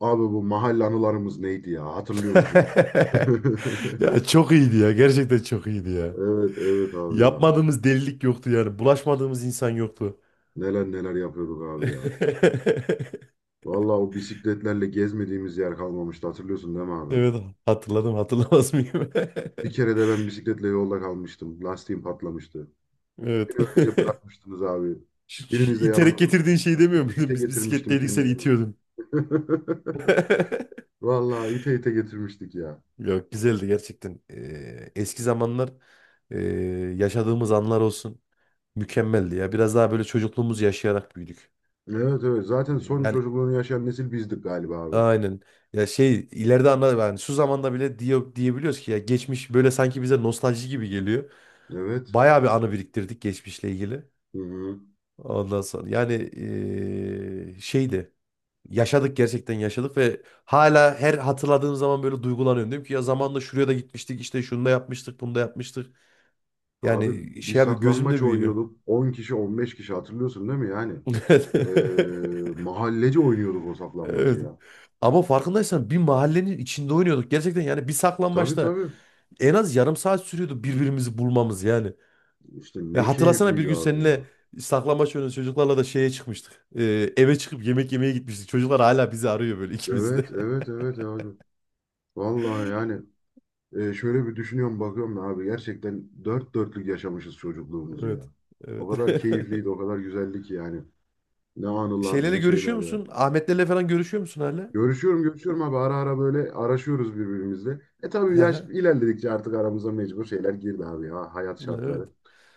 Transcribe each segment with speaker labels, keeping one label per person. Speaker 1: Abi bu mahalle anılarımız neydi ya? Hatırlıyor musun?
Speaker 2: Ya çok iyiydi ya. Gerçekten çok iyiydi ya.
Speaker 1: Evet evet abi ya.
Speaker 2: Yapmadığımız delilik yoktu yani. Bulaşmadığımız insan yoktu.
Speaker 1: Neler neler yapıyorduk abi ya. Vallahi o bisikletlerle gezmediğimiz yer kalmamıştı. Hatırlıyorsun değil mi abi?
Speaker 2: Evet, hatırladım, hatırlamaz mıyım?
Speaker 1: Bir kere de ben bisikletle yolda kalmıştım. Lastiğim patlamıştı.
Speaker 2: Evet.
Speaker 1: Beni öylece bırakmıştınız abi.
Speaker 2: Şu
Speaker 1: Biriniz de
Speaker 2: İterek
Speaker 1: yanımda
Speaker 2: getirdiğin şeyi
Speaker 1: durmamıştınız.
Speaker 2: demiyor
Speaker 1: İte
Speaker 2: muydun?
Speaker 1: ite
Speaker 2: Biz
Speaker 1: getirmiştim
Speaker 2: bisikletteydik,
Speaker 1: kendi
Speaker 2: sen
Speaker 1: kendime.
Speaker 2: itiyordun.
Speaker 1: Vallahi ite ite getirmiştik ya.
Speaker 2: Yok, güzeldi gerçekten. Eski zamanlar, ee, yaşadığımız anlar olsun, mükemmeldi ya. Biraz daha böyle çocukluğumuzu yaşayarak büyüdük.
Speaker 1: Evet evet. Zaten
Speaker 2: Ee,
Speaker 1: son
Speaker 2: Yani.
Speaker 1: çocukluğunu yaşayan nesil bizdik galiba abi.
Speaker 2: Aynen. Ya şey ileride anla yani şu zamanda bile diyebiliyoruz ki ya geçmiş böyle sanki bize nostalji gibi geliyor.
Speaker 1: Evet.
Speaker 2: Bayağı bir anı biriktirdik geçmişle ilgili.
Speaker 1: Hı hı.
Speaker 2: Ondan sonra yani şeydi. Yaşadık, gerçekten yaşadık ve hala her hatırladığım zaman böyle duygulanıyorum. Diyorum ki ya zamanında şuraya da gitmiştik, işte şunu da yapmıştık, bunu da yapmıştık.
Speaker 1: Abi
Speaker 2: Yani
Speaker 1: bir
Speaker 2: şey abi
Speaker 1: saklanmaç
Speaker 2: gözümde büyüyor.
Speaker 1: oynuyorduk. 10 kişi 15 kişi hatırlıyorsun değil mi yani? Mahallece oynuyorduk o saklambacı
Speaker 2: Evet.
Speaker 1: ya.
Speaker 2: Ama farkındaysan bir mahallenin içinde oynuyorduk. Gerçekten yani bir
Speaker 1: Tabii
Speaker 2: saklambaçta
Speaker 1: tabii.
Speaker 2: en az yarım saat sürüyordu birbirimizi bulmamız yani.
Speaker 1: İşte
Speaker 2: Ve
Speaker 1: ne
Speaker 2: hatırlasana bir
Speaker 1: keyifliydi
Speaker 2: gün
Speaker 1: abi ya.
Speaker 2: seninle saklambaç oynadık, çocuklarla da şeye çıkmıştık. Eve çıkıp yemek yemeye gitmiştik. Çocuklar hala bizi arıyor böyle, ikimiz de.
Speaker 1: Evet evet evet abi. Vallahi yani şöyle bir düşünüyorum bakıyorum da abi gerçekten dört dörtlük yaşamışız çocukluğumuzu
Speaker 2: Evet.
Speaker 1: ya. O
Speaker 2: Evet.
Speaker 1: kadar keyifliydi o kadar güzeldi ki yani. Ne anılar
Speaker 2: Şeylerle
Speaker 1: ne
Speaker 2: görüşüyor
Speaker 1: şeyler ya.
Speaker 2: musun? Ahmetlerle falan görüşüyor musun hala?
Speaker 1: Görüşüyorum görüşüyorum abi ara ara böyle araşıyoruz birbirimizle. E tabii
Speaker 2: Hı
Speaker 1: yaş
Speaker 2: hı.
Speaker 1: ilerledikçe artık aramıza mecbur şeyler girdi abi ya hayat şartları.
Speaker 2: Evet.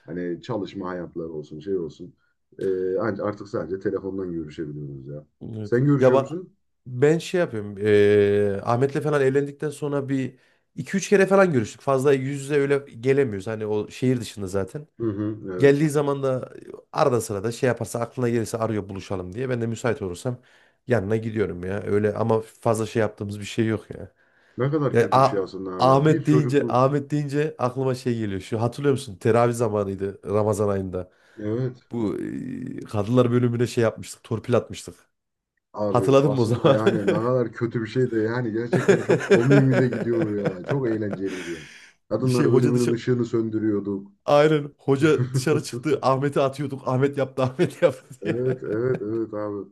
Speaker 1: Hani çalışma hayatları olsun şey olsun. E, artık sadece telefondan görüşebiliyoruz ya.
Speaker 2: Evet.
Speaker 1: Sen
Speaker 2: Ya
Speaker 1: görüşüyor
Speaker 2: bak,
Speaker 1: musun?
Speaker 2: ben şey yapıyorum. Ahmet'le falan evlendikten sonra bir iki üç kere falan görüştük. Fazla yüz yüze öyle gelemiyoruz. Hani o şehir dışında zaten.
Speaker 1: Hı hı, evet.
Speaker 2: Geldiği zaman da arada sırada şey yaparsa, aklına gelirse arıyor buluşalım diye. Ben de müsait olursam yanına gidiyorum ya. Öyle, ama fazla şey yaptığımız bir şey yok ya.
Speaker 1: Ne kadar
Speaker 2: Ya,
Speaker 1: kötü bir
Speaker 2: A-
Speaker 1: şey aslında abi ya. Bir
Speaker 2: Ahmet deyince
Speaker 1: çocukluk.
Speaker 2: Ahmet deyince aklıma şey geliyor. Şu hatırlıyor musun? Teravih zamanıydı, Ramazan ayında.
Speaker 1: Evet.
Speaker 2: Bu kadınlar bölümüne şey yapmıştık. Torpil atmıştık.
Speaker 1: Abi
Speaker 2: Hatırladın mı o
Speaker 1: aslında
Speaker 2: zaman?
Speaker 1: yani ne kadar kötü bir şey de yani gerçekten çok komiğimize gidiyordu ya. Çok eğlenceliydi ya.
Speaker 2: Şey
Speaker 1: Kadınlar
Speaker 2: hoca
Speaker 1: bölümünün
Speaker 2: dışarı.
Speaker 1: ışığını söndürüyorduk.
Speaker 2: Aynen. Hoca dışarı çıktı. Ahmet'i atıyorduk. Ahmet yaptı, Ahmet yaptı diye.
Speaker 1: Evet, evet, evet abi.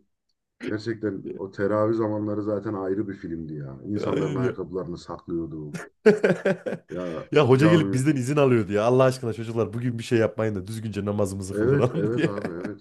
Speaker 1: Gerçekten o teravih zamanları zaten ayrı bir filmdi ya. İnsanların
Speaker 2: Aynen ya.
Speaker 1: ayakkabılarını saklıyordu. Ya
Speaker 2: Ya hoca gelip
Speaker 1: cami.
Speaker 2: bizden izin alıyordu ya. Allah aşkına çocuklar, bugün bir şey yapmayın da düzgünce namazımızı
Speaker 1: Evet,
Speaker 2: kıldıralım
Speaker 1: evet
Speaker 2: diye.
Speaker 1: abi, evet.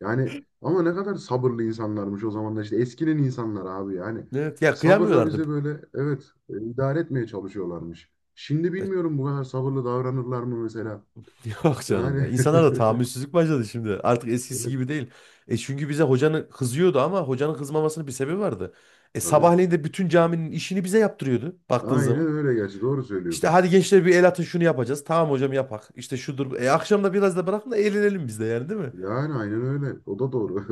Speaker 1: Yani ama ne kadar sabırlı insanlarmış o zamanlar işte eskinin insanlar abi yani.
Speaker 2: Evet ya,
Speaker 1: Sabırla
Speaker 2: kıyamıyorlardı.
Speaker 1: bize böyle evet idare etmeye çalışıyorlarmış. Şimdi
Speaker 2: E,
Speaker 1: bilmiyorum bu kadar sabırlı davranırlar mı mesela.
Speaker 2: Yok canım ya.
Speaker 1: Yani
Speaker 2: İnsanlar da tahammülsüzlük başladı şimdi. Artık eskisi
Speaker 1: evet
Speaker 2: gibi değil. Çünkü bize hocanın kızıyordu ama hocanın kızmamasının bir sebebi vardı. E
Speaker 1: tabii.
Speaker 2: sabahleyin de bütün caminin işini bize yaptırıyordu baktığın
Speaker 1: Aynen
Speaker 2: zaman.
Speaker 1: öyle gerçi doğru
Speaker 2: İşte
Speaker 1: söylüyorsun.
Speaker 2: hadi gençler, bir el atın şunu yapacağız. Tamam hocam, yapak. İşte şudur. Akşam da biraz da bırakın da eğlenelim biz de yani, değil mi?
Speaker 1: Yani aynen öyle. O da doğru.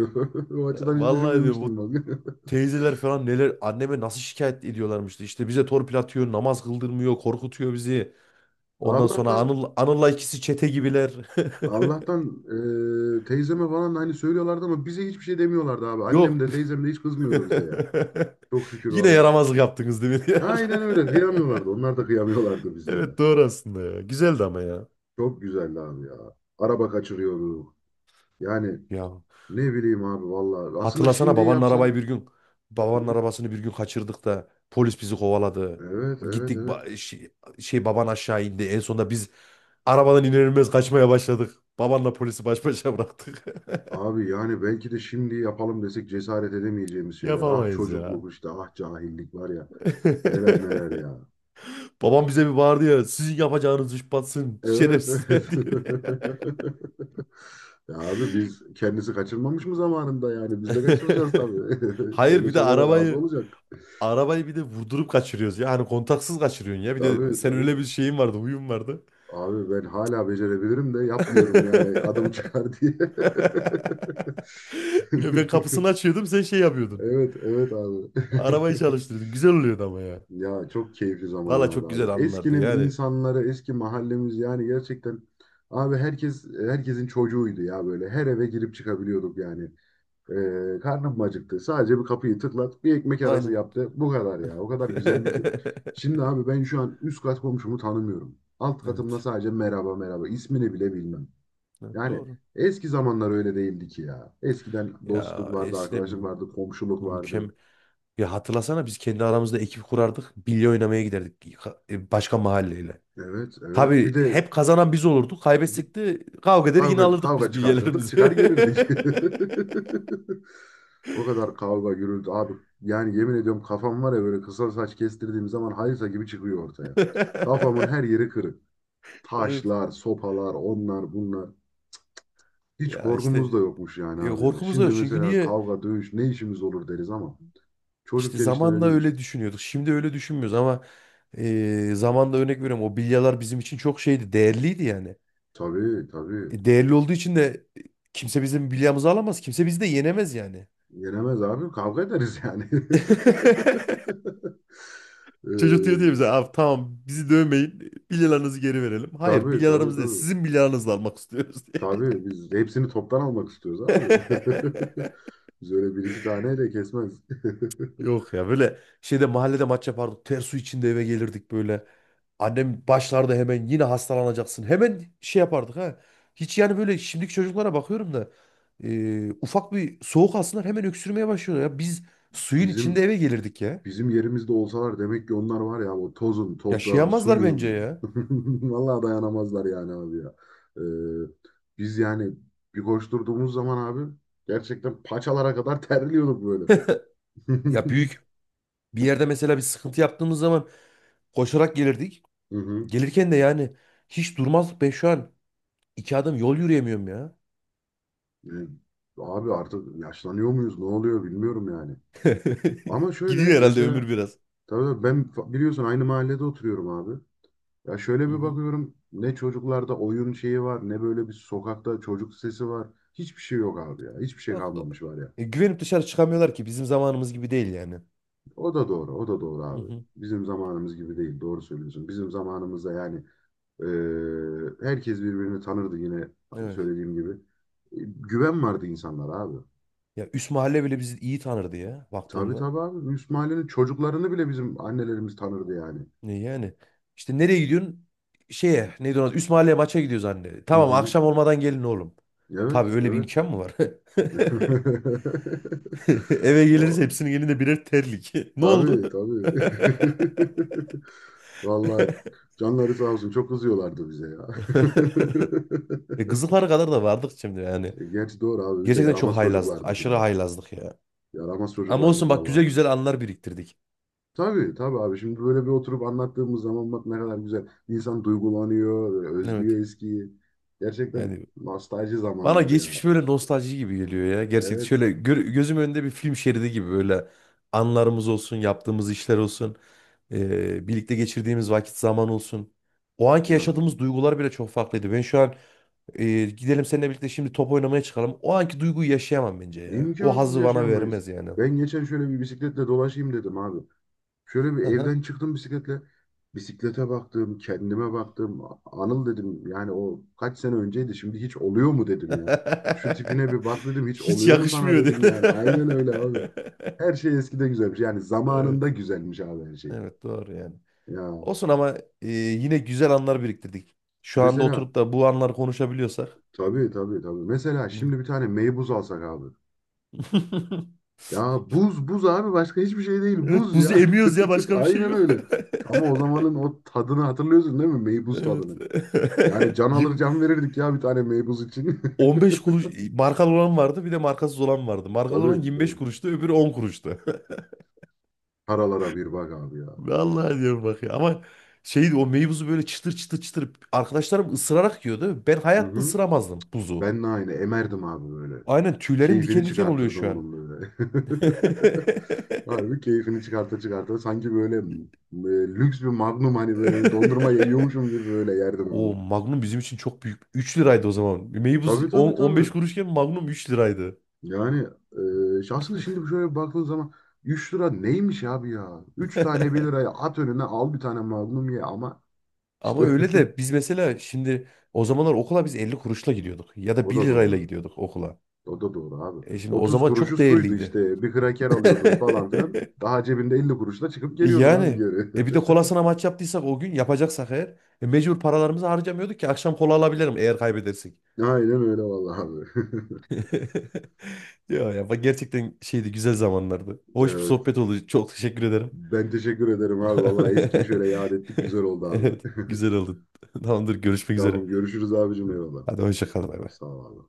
Speaker 1: O açıdan hiç
Speaker 2: Vallahi
Speaker 1: düşünmemiştim
Speaker 2: diyorum,
Speaker 1: bak.
Speaker 2: teyzeler falan neler, anneme nasıl şikayet ediyorlarmıştı. İşte bize torpil atıyor, namaz kıldırmıyor, korkutuyor bizi. Ondan sonra
Speaker 1: Allah'tan
Speaker 2: Anıl'la ikisi çete gibiler.
Speaker 1: Allah'tan teyzeme falan da hani söylüyorlardı ama bize hiçbir şey demiyorlardı abi. Annem
Speaker 2: Yok.
Speaker 1: de teyzem de hiç kızmıyordu bize ya. Çok şükür
Speaker 2: Yine
Speaker 1: valla.
Speaker 2: yaramazlık yaptınız, değil mi diyorlar.
Speaker 1: Aynen öyle. Kıyamıyorlardı. Onlar da kıyamıyorlardı bize ya.
Speaker 2: Evet, doğru aslında ya. Güzeldi ama ya.
Speaker 1: Çok güzeldi abi ya. Araba kaçırıyorduk. Yani
Speaker 2: Ya
Speaker 1: ne bileyim abi valla. Aslında
Speaker 2: hatırlasana,
Speaker 1: şimdi yapsan.
Speaker 2: babanın
Speaker 1: Evet
Speaker 2: arabasını bir gün kaçırdık da polis bizi kovaladı.
Speaker 1: evet evet
Speaker 2: Gittik,
Speaker 1: evet.
Speaker 2: baban aşağı indi. En sonunda biz arabadan iner inmez kaçmaya başladık. Babanla polisi baş başa bıraktık.
Speaker 1: Abi yani belki de şimdi yapalım desek cesaret edemeyeceğimiz şeyler. Ah
Speaker 2: Yapamayız ya.
Speaker 1: çocukluk işte, ah cahillik var ya. Neler neler ya.
Speaker 2: Babam bize bir bağırdı ya. Sizin yapacağınız iş batsın,
Speaker 1: Evet, evet.
Speaker 2: şerefsizler diye.
Speaker 1: Ya abi biz kendisi kaçırmamış mı zamanında yani? Biz de kaçıracağız tabii.
Speaker 2: Hayır,
Speaker 1: Böyle
Speaker 2: bir de
Speaker 1: şeylere razı
Speaker 2: arabayı
Speaker 1: olacak.
Speaker 2: arabayı bir de vurdurup kaçırıyoruz ya. Hani kontaksız kaçırıyorsun ya. Bir de
Speaker 1: Tabii
Speaker 2: sen öyle
Speaker 1: tabii.
Speaker 2: bir şeyin vardı, huyun vardı.
Speaker 1: Abi ben hala becerebilirim de yapmıyorum yani adım çıkar diye.
Speaker 2: Ya ben kapısını açıyordum, sen şey yapıyordun.
Speaker 1: Evet, evet abi.
Speaker 2: Arabayı çalıştırıyordun. Güzel oluyordu ama ya.
Speaker 1: Ya çok keyifli
Speaker 2: Valla
Speaker 1: zamanlardı
Speaker 2: çok güzel
Speaker 1: abi.
Speaker 2: anılardı
Speaker 1: Eskinin
Speaker 2: yani.
Speaker 1: insanları, eski mahallemiz yani gerçekten abi herkes herkesin çocuğuydu ya böyle. Her eve girip çıkabiliyorduk yani. Karnım acıktı. Sadece bir kapıyı tıklat, bir ekmek arası
Speaker 2: Aynen.
Speaker 1: yaptı. Bu kadar ya. O kadar güzeldi ki. Şimdi abi ben şu an üst kat komşumu tanımıyorum. Alt katımda
Speaker 2: Evet.
Speaker 1: sadece merhaba merhaba. İsmini bile bilmem.
Speaker 2: Evet,
Speaker 1: Yani
Speaker 2: doğru.
Speaker 1: eski zamanlar öyle değildi ki ya. Eskiden dostluk
Speaker 2: Ya
Speaker 1: vardı, arkadaşlık
Speaker 2: eskiden
Speaker 1: vardı, komşuluk vardı.
Speaker 2: mükemmel. Ya hatırlasana, biz kendi aramızda ekip kurardık. Bilye oynamaya giderdik başka mahalleyle.
Speaker 1: Evet, evet. Bir
Speaker 2: Tabii
Speaker 1: de
Speaker 2: hep kazanan biz olurduk. Kaybetsek de kavga eder yine
Speaker 1: kavga,
Speaker 2: alırdık
Speaker 1: kavga
Speaker 2: biz
Speaker 1: çıkartırdık,
Speaker 2: bilyelerimizi.
Speaker 1: çıkar gelirdik. O kadar kavga gürültü abi. Yani yemin ediyorum kafam var ya böyle kısa saç kestirdiğim zaman hayırsa gibi çıkıyor ortaya. Kafamın her yeri kırık.
Speaker 2: Evet.
Speaker 1: Taşlar, sopalar, onlar bunlar. Hiç
Speaker 2: Ya
Speaker 1: korkumuz da
Speaker 2: işte
Speaker 1: yokmuş yani abi ya.
Speaker 2: korkumuz da
Speaker 1: Şimdi
Speaker 2: yok. Çünkü
Speaker 1: mesela
Speaker 2: niye?
Speaker 1: kavga, dövüş ne işimiz olur deriz ama
Speaker 2: İşte
Speaker 1: çocukken işte öyle
Speaker 2: zamanla
Speaker 1: değilmiş.
Speaker 2: öyle düşünüyorduk. Şimdi öyle düşünmüyoruz ama zamanla örnek veriyorum. O bilyalar bizim için çok şeydi. Değerliydi yani.
Speaker 1: Tabii tabii.
Speaker 2: Değerli olduğu için de kimse bizim bilyamızı alamaz, kimse bizi de yenemez yani.
Speaker 1: Yenemez abi kavga ederiz yani.
Speaker 2: Çocuk diyor diye
Speaker 1: Ee,
Speaker 2: bize abi, tamam bizi dövmeyin bilyalarınızı geri verelim. Hayır,
Speaker 1: tabii tabii
Speaker 2: bilyalarımız değil,
Speaker 1: tabii.
Speaker 2: sizin bilyalarınızla almak istiyoruz diye.
Speaker 1: Tabii biz hepsini toptan almak istiyoruz abi. Biz öyle bir iki taneyle kesmez.
Speaker 2: Yok ya, böyle şeyde mahallede maç yapardık, ter su içinde eve gelirdik böyle. Annem başlarda hemen, yine hastalanacaksın, hemen şey yapardık ha. Hiç yani, böyle şimdiki çocuklara bakıyorum da ufak bir soğuk alsınlar hemen öksürmeye başlıyorlar ya. Biz suyun içinde
Speaker 1: Bizim
Speaker 2: eve gelirdik ya.
Speaker 1: bizim yerimizde olsalar demek ki onlar var ya o tozun, toprağın,
Speaker 2: Yaşayamazlar bence
Speaker 1: suyun.
Speaker 2: ya.
Speaker 1: Vallahi dayanamazlar yani abi ya. Ee, biz yani bir koşturduğumuz zaman abi gerçekten paçalara kadar terliyorduk böyle.
Speaker 2: Ya büyük bir yerde mesela bir sıkıntı yaptığımız zaman koşarak gelirdik.
Speaker 1: Hı hı.
Speaker 2: Gelirken de yani hiç durmazdık, be şu an. İki adım yol yürüyemiyorum ya.
Speaker 1: Yani abi artık yaşlanıyor muyuz? Ne oluyor bilmiyorum yani. Ama şöyle
Speaker 2: Gidiyor herhalde ömür
Speaker 1: mesela
Speaker 2: biraz.
Speaker 1: tabii tabii ben biliyorsun aynı mahallede oturuyorum abi. Ya şöyle
Speaker 2: Hı
Speaker 1: bir
Speaker 2: hı.
Speaker 1: bakıyorum ne çocuklarda oyun şeyi var ne böyle bir sokakta çocuk sesi var. Hiçbir şey yok abi ya. Hiçbir şey
Speaker 2: Yok.
Speaker 1: kalmamış var ya.
Speaker 2: Güvenip dışarı çıkamıyorlar ki, bizim zamanımız gibi değil yani.
Speaker 1: O da doğru, o da doğru
Speaker 2: Hı
Speaker 1: abi.
Speaker 2: hı.
Speaker 1: Bizim zamanımız gibi değil, doğru söylüyorsun. Bizim zamanımızda yani herkes birbirini tanırdı yine
Speaker 2: Evet.
Speaker 1: söylediğim gibi. Güven vardı insanlara abi.
Speaker 2: Ya üst mahalle bile bizi iyi tanırdı ya,
Speaker 1: Tabii
Speaker 2: baktığında.
Speaker 1: tabii abi. Üst çocuklarını bile bizim annelerimiz tanırdı yani.
Speaker 2: Ne yani? İşte nereye gidiyorsun? Şeye neydi ona? Üst mahalleye maça gidiyoruz anne.
Speaker 1: Hı
Speaker 2: Tamam,
Speaker 1: hı.
Speaker 2: akşam olmadan gelin oğlum.
Speaker 1: Evet,
Speaker 2: Tabii öyle bir
Speaker 1: evet.
Speaker 2: imkan mı var? Eve geliriz
Speaker 1: O,
Speaker 2: hepsinin elinde birer terlik. Ne
Speaker 1: tabii
Speaker 2: oldu?
Speaker 1: tabii. Vallahi canları sağ olsun çok kızıyorlardı bize ya.
Speaker 2: Kızıllara kadar da vardık şimdi yani.
Speaker 1: Gerçi doğru abi biz de
Speaker 2: Gerçekten çok
Speaker 1: yaramaz
Speaker 2: haylazlık.
Speaker 1: çocuklardık
Speaker 2: Aşırı
Speaker 1: ya.
Speaker 2: haylazlık ya.
Speaker 1: Yaramaz
Speaker 2: Ama
Speaker 1: çocuklardık
Speaker 2: olsun bak, güzel
Speaker 1: vallahi.
Speaker 2: güzel anlar biriktirdik.
Speaker 1: Tabii tabii abi şimdi böyle bir oturup anlattığımız zaman bak ne kadar güzel. İnsan duygulanıyor, böyle
Speaker 2: Evet.
Speaker 1: özlüyor eskiyi. Gerçekten
Speaker 2: Yani
Speaker 1: nostalji
Speaker 2: bana
Speaker 1: zamanlar
Speaker 2: geçmiş
Speaker 1: ya.
Speaker 2: böyle nostalji gibi geliyor ya. Gerçekten
Speaker 1: Evet
Speaker 2: şöyle gözüm önünde bir film şeridi gibi böyle anlarımız olsun, yaptığımız işler olsun, birlikte geçirdiğimiz vakit zaman olsun. O anki
Speaker 1: ya
Speaker 2: yaşadığımız duygular bile çok farklıydı. Ben şu an. Gidelim seninle birlikte şimdi top oynamaya çıkalım. O anki duyguyu yaşayamam bence ya. O
Speaker 1: imkansız
Speaker 2: hazzı bana
Speaker 1: yaşayamayız.
Speaker 2: vermez yani.
Speaker 1: Ben geçen şöyle bir bisikletle dolaşayım dedim abi. Şöyle bir
Speaker 2: Hı hı.
Speaker 1: evden çıktım bisikletle. Bisiklete baktım, kendime baktım. Anıl dedim yani o kaç sene önceydi şimdi hiç oluyor mu dedim ya. Şu tipine bir bak dedim hiç
Speaker 2: Hiç
Speaker 1: oluyor mu sana
Speaker 2: yakışmıyor diyor.
Speaker 1: dedim yani. Aynen öyle abi. Her şey eskide güzelmiş. Yani zamanında
Speaker 2: Evet.
Speaker 1: güzelmiş abi her şey.
Speaker 2: Evet, doğru yani.
Speaker 1: Ya
Speaker 2: Olsun ama yine güzel anlar biriktirdik. Şu anda
Speaker 1: mesela
Speaker 2: oturup da bu anları konuşabiliyorsak.
Speaker 1: tabii tabii tabii. Mesela
Speaker 2: Hı.
Speaker 1: şimdi bir tane meybuz alsak abi. Ya buz buz abi başka hiçbir şey değil
Speaker 2: Evet,
Speaker 1: buz ya.
Speaker 2: buzu emiyoruz ya, başka bir şey
Speaker 1: Aynen
Speaker 2: yok.
Speaker 1: öyle. Ama o zamanın o tadını hatırlıyorsun değil mi? Meybuz
Speaker 2: Evet.
Speaker 1: tadını. Yani can alır
Speaker 2: Yirmi-
Speaker 1: can verirdik ya bir tane meybuz için.
Speaker 2: 15 kuruş markalı olan vardı, bir de markasız olan vardı. Markalı olan
Speaker 1: Tabii
Speaker 2: 25
Speaker 1: tabii.
Speaker 2: kuruştu, öbürü 10 kuruştu.
Speaker 1: Paralara bir bak abi ya.
Speaker 2: Vallahi diyorum bak ya. Ama şey, o meyvuzu böyle çıtır çıtır çıtır arkadaşlarım ısırarak yiyordu. Ben
Speaker 1: Hı
Speaker 2: hayatta
Speaker 1: hı.
Speaker 2: ısıramazdım buzu.
Speaker 1: Ben de aynı emerdim abi böyle.
Speaker 2: Aynen, tüylerim
Speaker 1: Keyfini
Speaker 2: diken diken oluyor
Speaker 1: çıkartırdım
Speaker 2: şu an.
Speaker 1: onun böyle. Harbi keyfini çıkarta çıkarta sanki böyle lüks bir magnum hani böyle dondurma yiyormuşum gibi böyle yerdim
Speaker 2: O
Speaker 1: onu.
Speaker 2: Magnum bizim için çok büyük. 3 liraydı o zaman. Meybuz
Speaker 1: Tabii
Speaker 2: 10,
Speaker 1: tabii
Speaker 2: 15
Speaker 1: tabii.
Speaker 2: kuruşken Magnum 3 liraydı.
Speaker 1: Yani şahsen şimdi şöyle baktığın zaman 3 lira neymiş abi ya? 3 tane 1 liraya at önüne al bir tane magnum ye ama
Speaker 2: Ama
Speaker 1: işte
Speaker 2: öyle de biz mesela şimdi o zamanlar okula biz 50 kuruşla gidiyorduk. Ya da
Speaker 1: o
Speaker 2: bir
Speaker 1: da
Speaker 2: lirayla
Speaker 1: doğru.
Speaker 2: gidiyorduk okula.
Speaker 1: O da doğru abi.
Speaker 2: Şimdi o
Speaker 1: 30
Speaker 2: zaman
Speaker 1: kuruşu
Speaker 2: çok
Speaker 1: suydu
Speaker 2: değerliydi.
Speaker 1: işte. Bir kraker alıyordun falan filan. Daha cebinde 50 kuruşla çıkıp geliyordun abi
Speaker 2: Yani
Speaker 1: geri.
Speaker 2: bir de kolasına maç yaptıysak o gün yapacaksak eğer mecbur paralarımızı harcamıyorduk ki akşam kola alabilirim eğer kaybedersek.
Speaker 1: Aynen öyle vallahi abi.
Speaker 2: Ya ya bak, gerçekten şeydi, güzel zamanlardı. Hoş bir
Speaker 1: Evet.
Speaker 2: sohbet oldu. Çok teşekkür ederim.
Speaker 1: Ben teşekkür ederim abi. Vallahi eskiyi şöyle yad ettik. Güzel oldu
Speaker 2: Evet,
Speaker 1: abi.
Speaker 2: güzel oldu. Tamamdır, görüşmek üzere.
Speaker 1: Tamam görüşürüz abicim eyvallah.
Speaker 2: Hadi, hoşça kal. Bay bay.
Speaker 1: Sağ ol abi.